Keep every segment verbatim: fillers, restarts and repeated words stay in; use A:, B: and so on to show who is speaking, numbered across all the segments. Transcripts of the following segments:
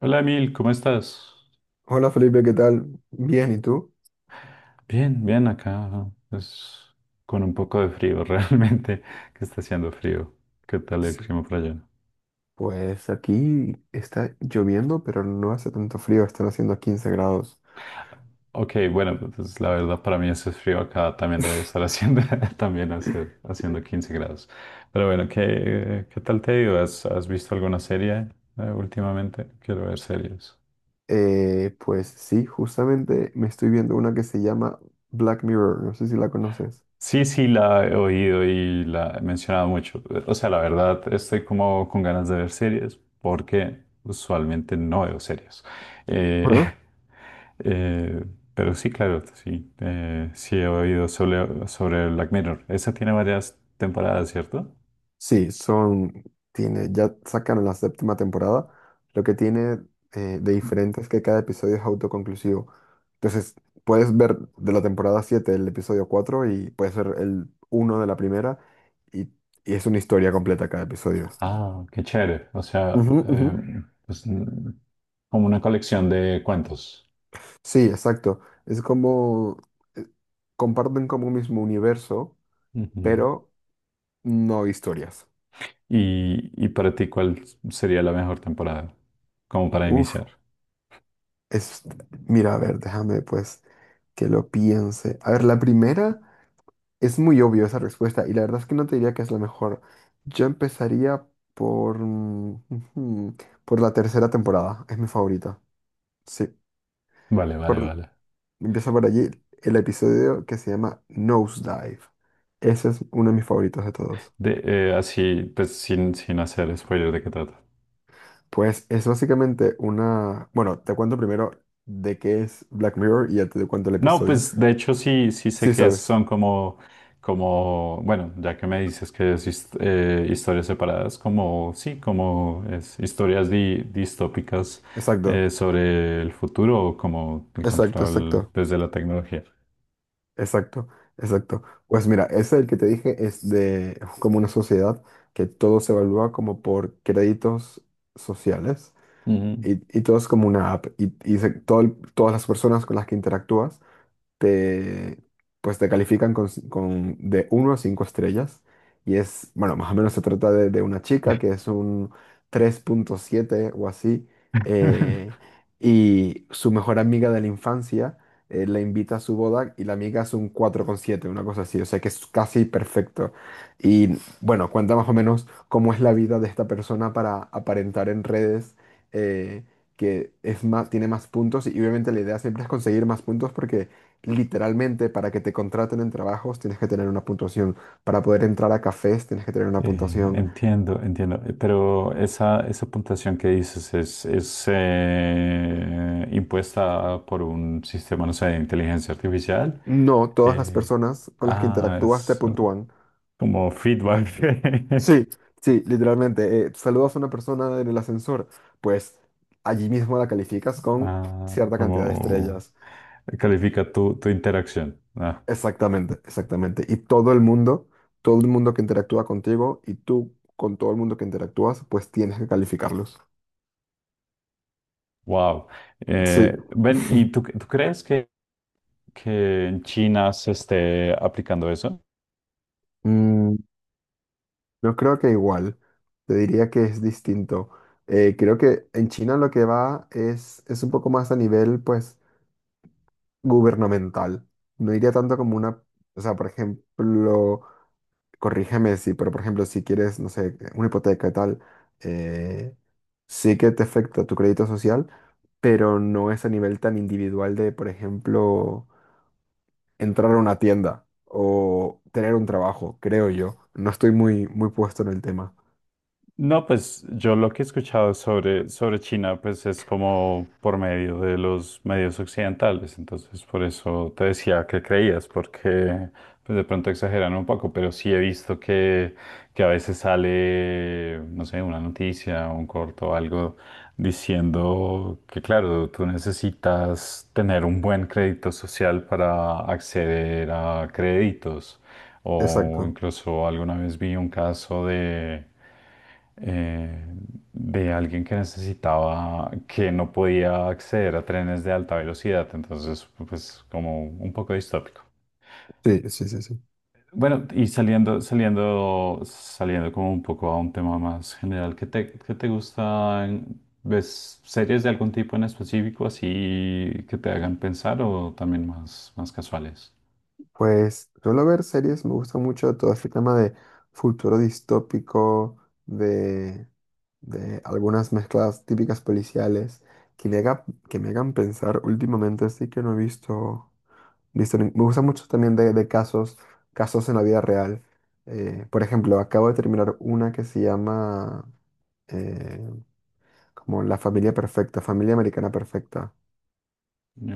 A: Hola Emil, ¿cómo estás?
B: Hola Felipe, ¿qué tal? Bien, ¿y tú?
A: Bien, bien acá. Es con un poco de frío, realmente, que está haciendo frío. ¿Qué tal el
B: Sí.
A: clima por allá?
B: Pues aquí está lloviendo, pero no hace tanto frío, están haciendo quince grados.
A: Ok, bueno, pues la verdad para mí ese frío acá también debe estar haciendo, también hacer, haciendo quince grados. Pero bueno, ¿qué, qué tal te ha ¿Has, has visto alguna serie eh, últimamente? Quiero ver series.
B: Eh, pues sí, justamente me estoy viendo una que se llama Black Mirror, no sé si la conoces.
A: Sí, sí, la he oído y la he mencionado mucho. O sea, la verdad, estoy como con ganas de ver series porque usualmente no veo series. Eh, eh, pero sí, claro, sí. eh, sí he oído sobre, sobre Black Mirror. Esa tiene varias temporadas, ¿cierto?
B: Sí, son, tiene, ya sacaron la séptima temporada. Lo que tiene eh, de diferente es que cada episodio es autoconclusivo. Entonces, puedes ver de la temporada siete el episodio cuatro y puede ser el uno de la primera y, y es una historia completa cada episodio.
A: Ah, qué chévere. O sea,
B: Ujú, ujú.
A: eh, pues, mm, como una colección de cuentos.
B: Sí, exacto. Es como, eh, comparten como un mismo universo,
A: Ujú.
B: pero no historias.
A: Y, y para ti, ¿cuál sería la mejor temporada? Como para
B: Uf,
A: iniciar.
B: es, mira, a ver, déjame pues que lo piense. A ver, la primera... Es muy obvio esa respuesta y la verdad es que no te diría que es la mejor. Yo empezaría por, mm, ujú, por la tercera temporada, es mi favorita. Sí,
A: Vale, vale,
B: por,
A: vale.
B: empieza por allí el episodio que se llama Nosedive. Ese es uno de mis favoritos de todos.
A: De, eh, así, pues sin, sin hacer spoiler de qué trata.
B: Pues es básicamente una... Bueno, te cuento primero de qué es Black Mirror y ya te cuento el
A: No,
B: episodio.
A: pues de hecho sí, sí sé
B: Sí,
A: que
B: sabes.
A: son como, como, bueno, ya que me dices que es his- eh, historias separadas, como, sí, como es historias di- distópicas
B: Exacto,
A: eh, sobre el futuro o como el
B: exacto,
A: control
B: exacto.
A: desde la tecnología.
B: Exacto, exacto. Pues mira, ese el que te dije es de como una sociedad que todo se evalúa como por créditos sociales y, y todo es como una app y, y se- todo el- todas las personas con las que interactúas te, pues te califican con, ci- con de uno a cinco estrellas. Y es, bueno, más o menos se trata de, de una chica que es un tres punto siete o así. eh, y su mejor amiga de la infancia eh, la invita a su boda y la amiga es un cuatro coma siete una cosa así. O sea que es casi perfecto. Y bueno, cuenta más o menos cómo es la vida de esta persona para aparentar en redes. eh, que es más, tiene más puntos y obviamente la idea siempre es conseguir más puntos porque literalmente, para que te contraten en trabajos tienes que tener una puntuación. Para poder entrar a cafés tienes que tener una
A: Eh,
B: puntuación.
A: entiendo, entiendo. Eh, Pero esa, esa puntuación que dices es, es eh, impuesta por un sistema, no sé, de inteligencia artificial.
B: No, todas las
A: Eh,
B: personas con las que
A: ah,
B: interactúas te
A: es
B: puntúan.
A: como feedback.
B: Sí, sí, literalmente. Eh, saludas a una persona en el ascensor, pues allí mismo la calificas con
A: Ah,
B: cierta cantidad de
A: como
B: estrellas.
A: califica tu, tu interacción. Ah,
B: Exactamente, exactamente. Y todo el mundo, todo el mundo que interactúa contigo y tú con todo el mundo que interactúas, pues tienes que calificarlos.
A: wow.
B: Sí.
A: Eh, ven, ¿y tú, tú crees que que en China se esté aplicando eso?
B: Mm. Yo creo que igual, te diría que es distinto. Eh, creo que en China lo que va es, es un poco más a nivel, pues, gubernamental. No diría tanto como una, o sea, por ejemplo, corrígeme si, pero por ejemplo, si quieres, no sé, una hipoteca y tal, eh, sí que te afecta tu crédito social, pero no es a nivel tan individual de, por ejemplo, entrar a una tienda o tener un trabajo, creo yo. No estoy muy, muy puesto en el tema.
A: No, pues yo lo que he escuchado sobre, sobre China, pues es como por medio de los medios occidentales, entonces por eso te decía que creías, porque pues de pronto exageran un poco, pero sí he visto que, que a veces sale, no sé, una noticia, un corto, algo diciendo que claro, tú necesitas tener un buen crédito social para acceder a créditos, o
B: Exacto.
A: incluso alguna vez vi un caso de eh, de alguien que necesitaba, que no podía acceder a trenes de alta velocidad, entonces pues como un poco distópico.
B: Sí, sí, sí, sí.
A: Bueno, y saliendo, saliendo, saliendo como un poco a un tema más general, ¿qué te, qué te gustan? ¿Ves series de algún tipo en específico así que te hagan pensar o también más, más casuales?
B: Pues suelo ver series, me gusta mucho todo este tema de futuro distópico, de, de algunas mezclas típicas policiales que me haga- que me hagan pensar últimamente, así que no he visto, visto ni- me gusta mucho también de, de casos, casos en la vida real. Eh, por ejemplo, acabo de terminar una que se llama eh, como La familia perfecta, familia americana perfecta.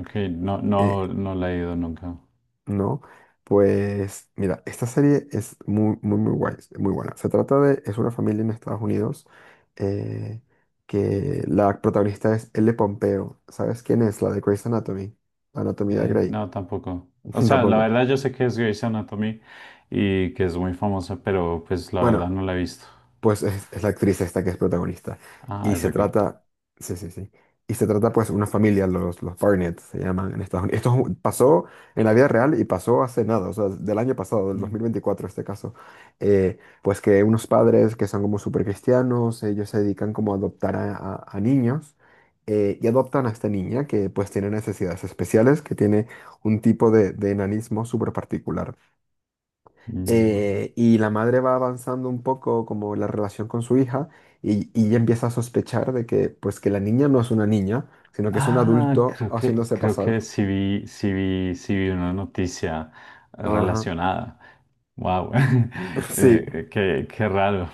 A: Ok, no, no,
B: Eh,
A: no la he ido nunca.
B: No, pues mira, esta serie es muy, muy, muy guay, es muy buena. Se trata de, es una familia en Estados Unidos eh, que la protagonista es Elle Pompeo. ¿Sabes quién es? La de Grey's Anatomy, la Anatomía de
A: Eh,
B: Grey.
A: no, tampoco. O sea, la
B: Tampoco.
A: verdad yo sé que es Grey's Anatomy y que es muy famosa, pero pues la
B: Bueno,
A: verdad no la he visto.
B: pues es, es la actriz esta que es protagonista.
A: Ah,
B: Y
A: es la
B: se
A: Grey.
B: trata, sí, sí, sí. Y se trata pues una familia, los, los Barnett se llaman en Estados Unidos. Esto es un- pasó en la vida real y pasó hace nada, o sea, del año pasado, del
A: Mm,
B: dos mil veinticuatro este caso. Eh, pues que unos padres que son como súper cristianos, ellos se dedican como a adoptar a, a- a niños. Eh, y adoptan a esta niña que pues tiene necesidades especiales, que tiene un tipo de, de enanismo súper particular
A: mm.
B: eh, y la madre va avanzando un poco como la relación con su hija y, y ella empieza a sospechar de que pues que la niña no es una niña, sino que es un
A: Ah,
B: adulto
A: creo que,
B: haciéndose
A: creo
B: pasar.
A: que sí vi, sí vi, sí vi una noticia
B: Ajá,
A: relacionada. Wow.
B: sí.
A: qué, qué raro.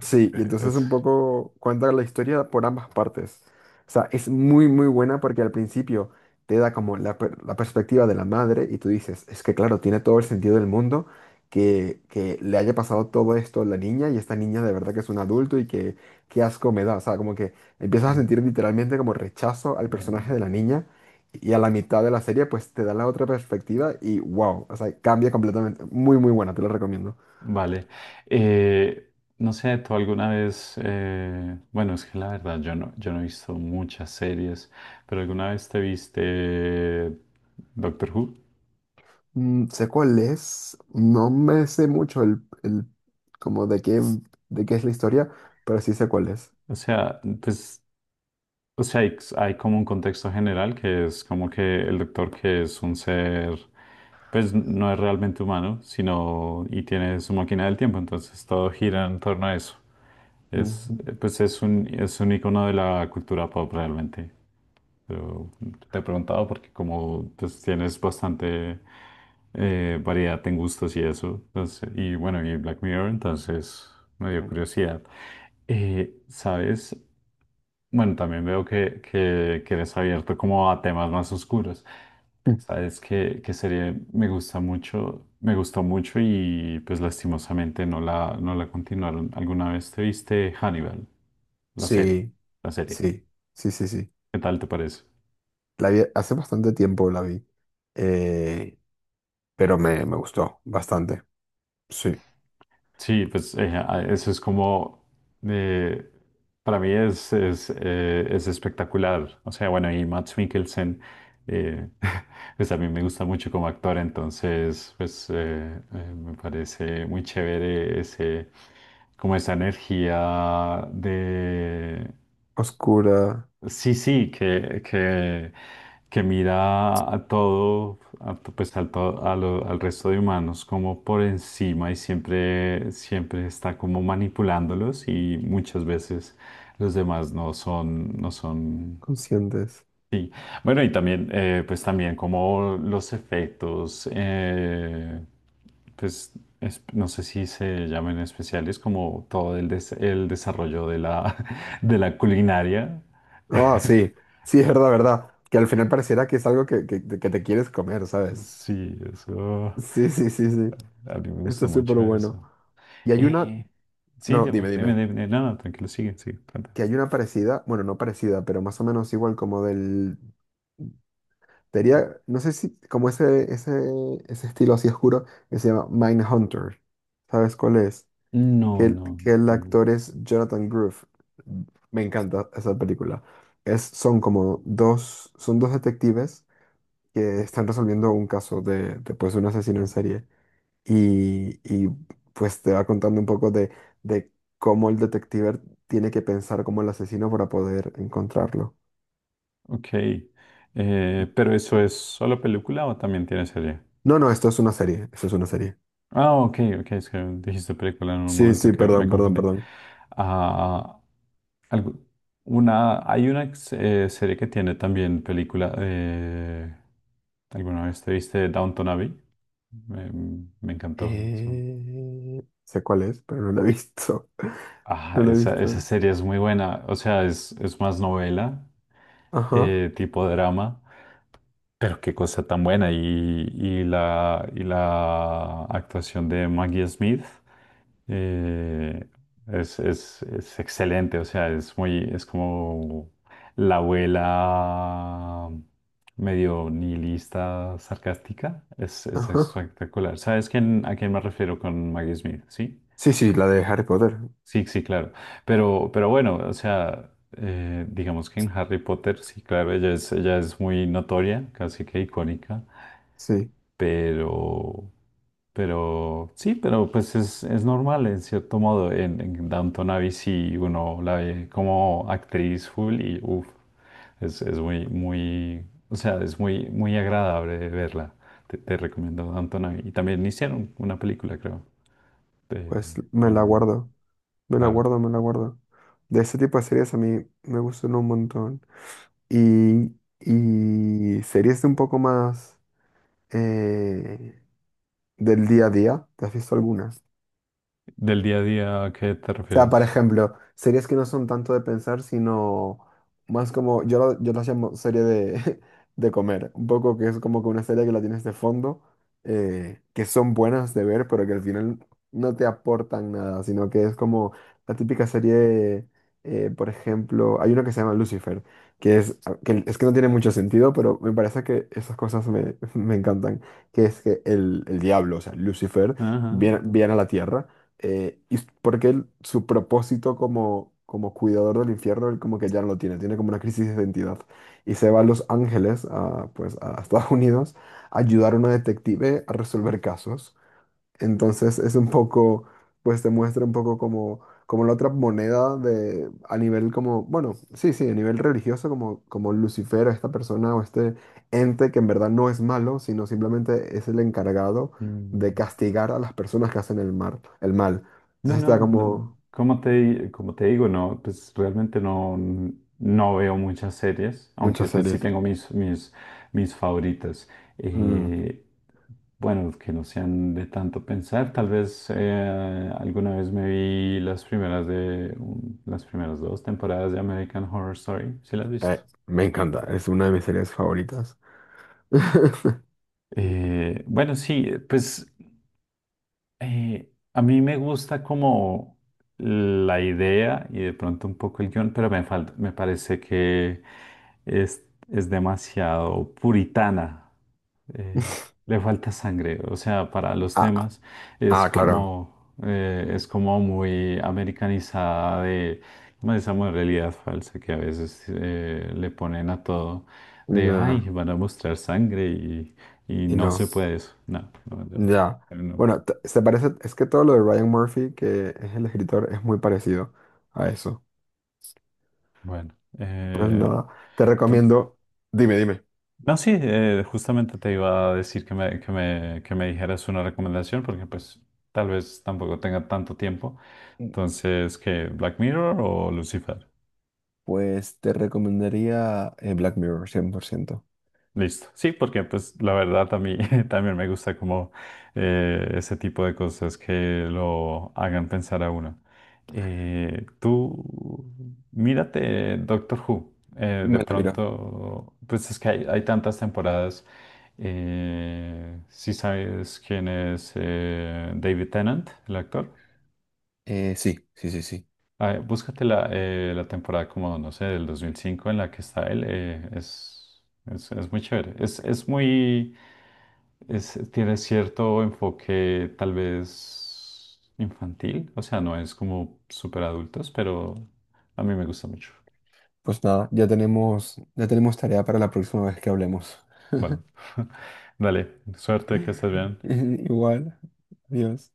B: Sí, y entonces
A: Es-
B: un poco cuenta la historia por ambas partes. O sea, es muy, muy buena porque al principio te da como la, per- la perspectiva de la madre y tú dices, es que claro, tiene todo el sentido del mundo que, que le haya pasado todo esto a la niña y esta niña de verdad que es un adulto y que qué asco me da. O sea, como que empiezas a sentir literalmente como rechazo al personaje
A: Mm.
B: de la niña y a la mitad de la serie pues te da la otra perspectiva y wow, o sea, cambia completamente. Muy, muy buena, te lo recomiendo.
A: Vale. Eh, no sé, tú alguna vez, eh, bueno, es que la verdad yo no, yo no he visto muchas series, pero alguna vez te viste Doctor Who.
B: Mm, sé cuál es, no me sé mucho el, el como de qué, de qué es la historia, pero sí sé cuál es.
A: O sea, pues, o sea, hay, hay como un contexto general que es como que el doctor que es un ser, pues no es realmente humano, sino y tiene su máquina del tiempo, entonces todo gira en torno a eso. Es,
B: Ujú.
A: eh, pues es un, es un icono de la cultura pop realmente. Pero te he preguntado porque como pues, tienes bastante eh, variedad en gustos y eso, entonces, y bueno, y Black Mirror, entonces me dio curiosidad. Eh, ¿sabes? Bueno, también veo que, que, que eres abierto como a temas más oscuros.
B: Mm.
A: ¿Sabes que que serie me gusta mucho? Me gustó mucho y pues lastimosamente no la, no la continuaron. ¿Alguna vez te viste Hannibal? La serie,
B: Sí,
A: la serie.
B: sí, sí, sí, sí.
A: ¿Qué tal te parece?
B: La vi hace bastante tiempo la vi, eh, pero me, me gustó bastante. Sí.
A: Sí, pues eh, a- eso es como, eh, para mí es, es, eh, es espectacular. O sea, bueno, y Mads Mikkelsen, eh, pues a mí me gusta mucho como actor, entonces, pues eh, eh, me parece muy chévere ese, como esa energía.
B: Oscura,
A: Sí, sí, que, que, que mira a todo, a to- pues al, to- a lo- al resto de humanos como por encima y siempre, siempre está como manipulándolos y muchas veces los demás no son, no son.
B: conscientes.
A: Sí, bueno, y también, eh, pues también como los efectos, eh, pues es- no sé si se llaman especiales, como todo el, des- el desarrollo de la, de la culinaria.
B: Ah, sí, sí, es verdad, verdad. Que al final pareciera que es algo que, que, que te quieres comer, ¿sabes?
A: Sí, eso,
B: Sí, sí, sí, sí.
A: a mí me
B: Está
A: gusta
B: súper
A: mucho
B: bueno.
A: eso.
B: Y hay una...
A: Eh, sí,
B: No,
A: dime,
B: dime,
A: dime,
B: dime.
A: dime, no, no, tranquilo, sigue, sigue, cuenta.
B: Que hay una parecida, bueno, no parecida, pero más o menos igual como del... Sería, no sé si, como ese, ese, ese estilo así oscuro que se llama Mindhunter. ¿Sabes cuál es? Que
A: No,
B: el,
A: no,
B: que el
A: no.
B: actor es Jonathan Groff. Me encanta esa película. Es, son como dos, son dos detectives que están resolviendo un caso de, de, pues, un asesino en serie y, y, pues te va contando un poco de, de cómo el detective tiene que pensar como el asesino para poder encontrarlo.
A: Ok. Eh, ¿pero eso es solo película o también tiene serie?
B: No, no, esto es una serie, esto es una serie.
A: Ah, ok, ok. Es que dijiste película en un
B: Sí,
A: momento
B: sí,
A: que me
B: perdón, perdón,
A: confundí.
B: perdón.
A: Ah, algo- una, hay una eh, serie que tiene también película. Eh, ¿alguna vez te viste Downton Abbey? Me, me encantó eso.
B: Eh, sé cuál es, pero no la he visto.
A: Ah,
B: No la he
A: esa, esa
B: visto.
A: serie es muy buena. O sea, es, es más novela,
B: Ajá,
A: eh, tipo drama. Pero qué cosa tan buena. Y, y la, y la actuación de Maggie Smith eh, es, es- es excelente. O sea, es muy, es como la abuela medio nihilista, sarcástica. Es, es
B: ajá.
A: espectacular. ¿Sabes quién, a quién me refiero con Maggie Smith? Sí,
B: Sí, sí, la de Harry Potter.
A: sí, sí, claro. Pero, pero bueno, o sea, eh, digamos que en Harry Potter, sí, claro, ella es, ella es muy notoria, casi que icónica.
B: Sí,
A: Pero, pero sí, pero pues es, es normal en cierto modo. En, en Downton Abbey sí uno la ve como actriz full y uff, es, es muy, muy, o sea, es muy, muy agradable verla. Te, te recomiendo Downton Abbey. Y también hicieron una película, creo, de-
B: pues me la
A: con,
B: guardo, me la
A: claro.
B: guardo, me la guardo. De ese tipo de series a mí me gustan un montón. Y, y series de un poco más... eh, ¿Del día a día? ¿Te has visto alguna?
A: Del día a día, ¿a qué te
B: Sea, por
A: refieres?
B: ejemplo, series que no son tanto de pensar, sino más como, yo, lo- yo las llamo serie de, de comer, un poco que es como que una serie que la tienes de fondo, eh, que son buenas de ver, pero que al final no te aportan nada, sino que es como la típica serie, eh, por ejemplo, hay una que se llama Lucifer, que es ah, que, es que no tiene mucho sentido, pero me parece que esas cosas me, me encantan, que es que el, el diablo, o sea, Lucifer,
A: Ajá.
B: viene, viene a la tierra eh, y s- porque él, su propósito como, como, cuidador del infierno, él como que ya no lo tiene, tiene como una crisis de identidad. Y se va a Los Ángeles, a, pues a Estados Unidos, a ayudar a una detective a resolver casos. Entonces es un poco, pues te muestra un poco como, como la otra moneda de, a nivel como, bueno, sí, sí, a nivel religioso, como, como Lucifer, esta persona o este ente que en verdad no es malo, sino simplemente es el encargado de
A: Mm.
B: castigar a las personas que hacen el mal, el mal.
A: No,
B: Entonces está
A: no, no,
B: como
A: Como te, como te digo, no, pues realmente no, no veo muchas series, aunque
B: muchas
A: pues sí
B: series.
A: tengo mis, mis, mis favoritas.
B: Mm,
A: Eh, bueno, que no sean de tanto pensar, tal vez eh, alguna vez me vi las primeras de, un- las primeras dos temporadas de American Horror Story, ¿sí las has visto?
B: eh, Me encanta, es una de mis series favoritas.
A: Eh, bueno, sí, pues. Eh, a mí me gusta como la idea y de pronto un poco el guión, pero me falta, me parece que es, es demasiado puritana. eh, Le falta sangre, o sea, para los
B: Ah, ah,
A: temas es
B: ah, claro.
A: como, eh, es como muy americanizada de, como esa realidad falsa que a veces eh, le ponen a todo, de, ay,
B: Ya.
A: van a mostrar sangre y, y
B: Y
A: no
B: no.
A: se puede eso. No, no,
B: Ya.
A: no, no.
B: Bueno, t- se parece, es que todo lo de Ryan Murphy, que es el escritor, es muy parecido a eso.
A: Bueno,
B: Pues
A: eh,
B: nada, te
A: tú-
B: recomiendo. Dime, dime.
A: no, sí, eh, justamente te iba a decir que me, que me, que me dijeras una recomendación porque pues tal vez tampoco tenga tanto tiempo. Entonces, ¿qué? ¿Black Mirror o Lucifer?
B: Pues te recomendaría eh, Black Mirror, cien por ciento.
A: Listo. Sí, porque pues la verdad a mí también me gusta como eh, ese tipo de cosas que lo hagan pensar a uno. Eh, tú, mírate Doctor Who. Eh, de
B: Me la miro.
A: pronto, pues es que hay, hay tantas temporadas. Eh, si sabes quién es eh, David Tennant, el actor.
B: Eh, sí, sí, sí, sí.
A: Ah, búscate la, eh, la temporada como, no sé, del dos mil cinco en la que está él. eh, es, es, es muy chévere. Es, es muy es, tiene cierto enfoque tal vez infantil, o sea, no es como súper adultos, pero a mí me gusta mucho.
B: Pues nada, ya tenemos, ya tenemos tarea para la próxima vez que hablemos.
A: Vale, dale, suerte, que estés bien.
B: Igual. Adiós.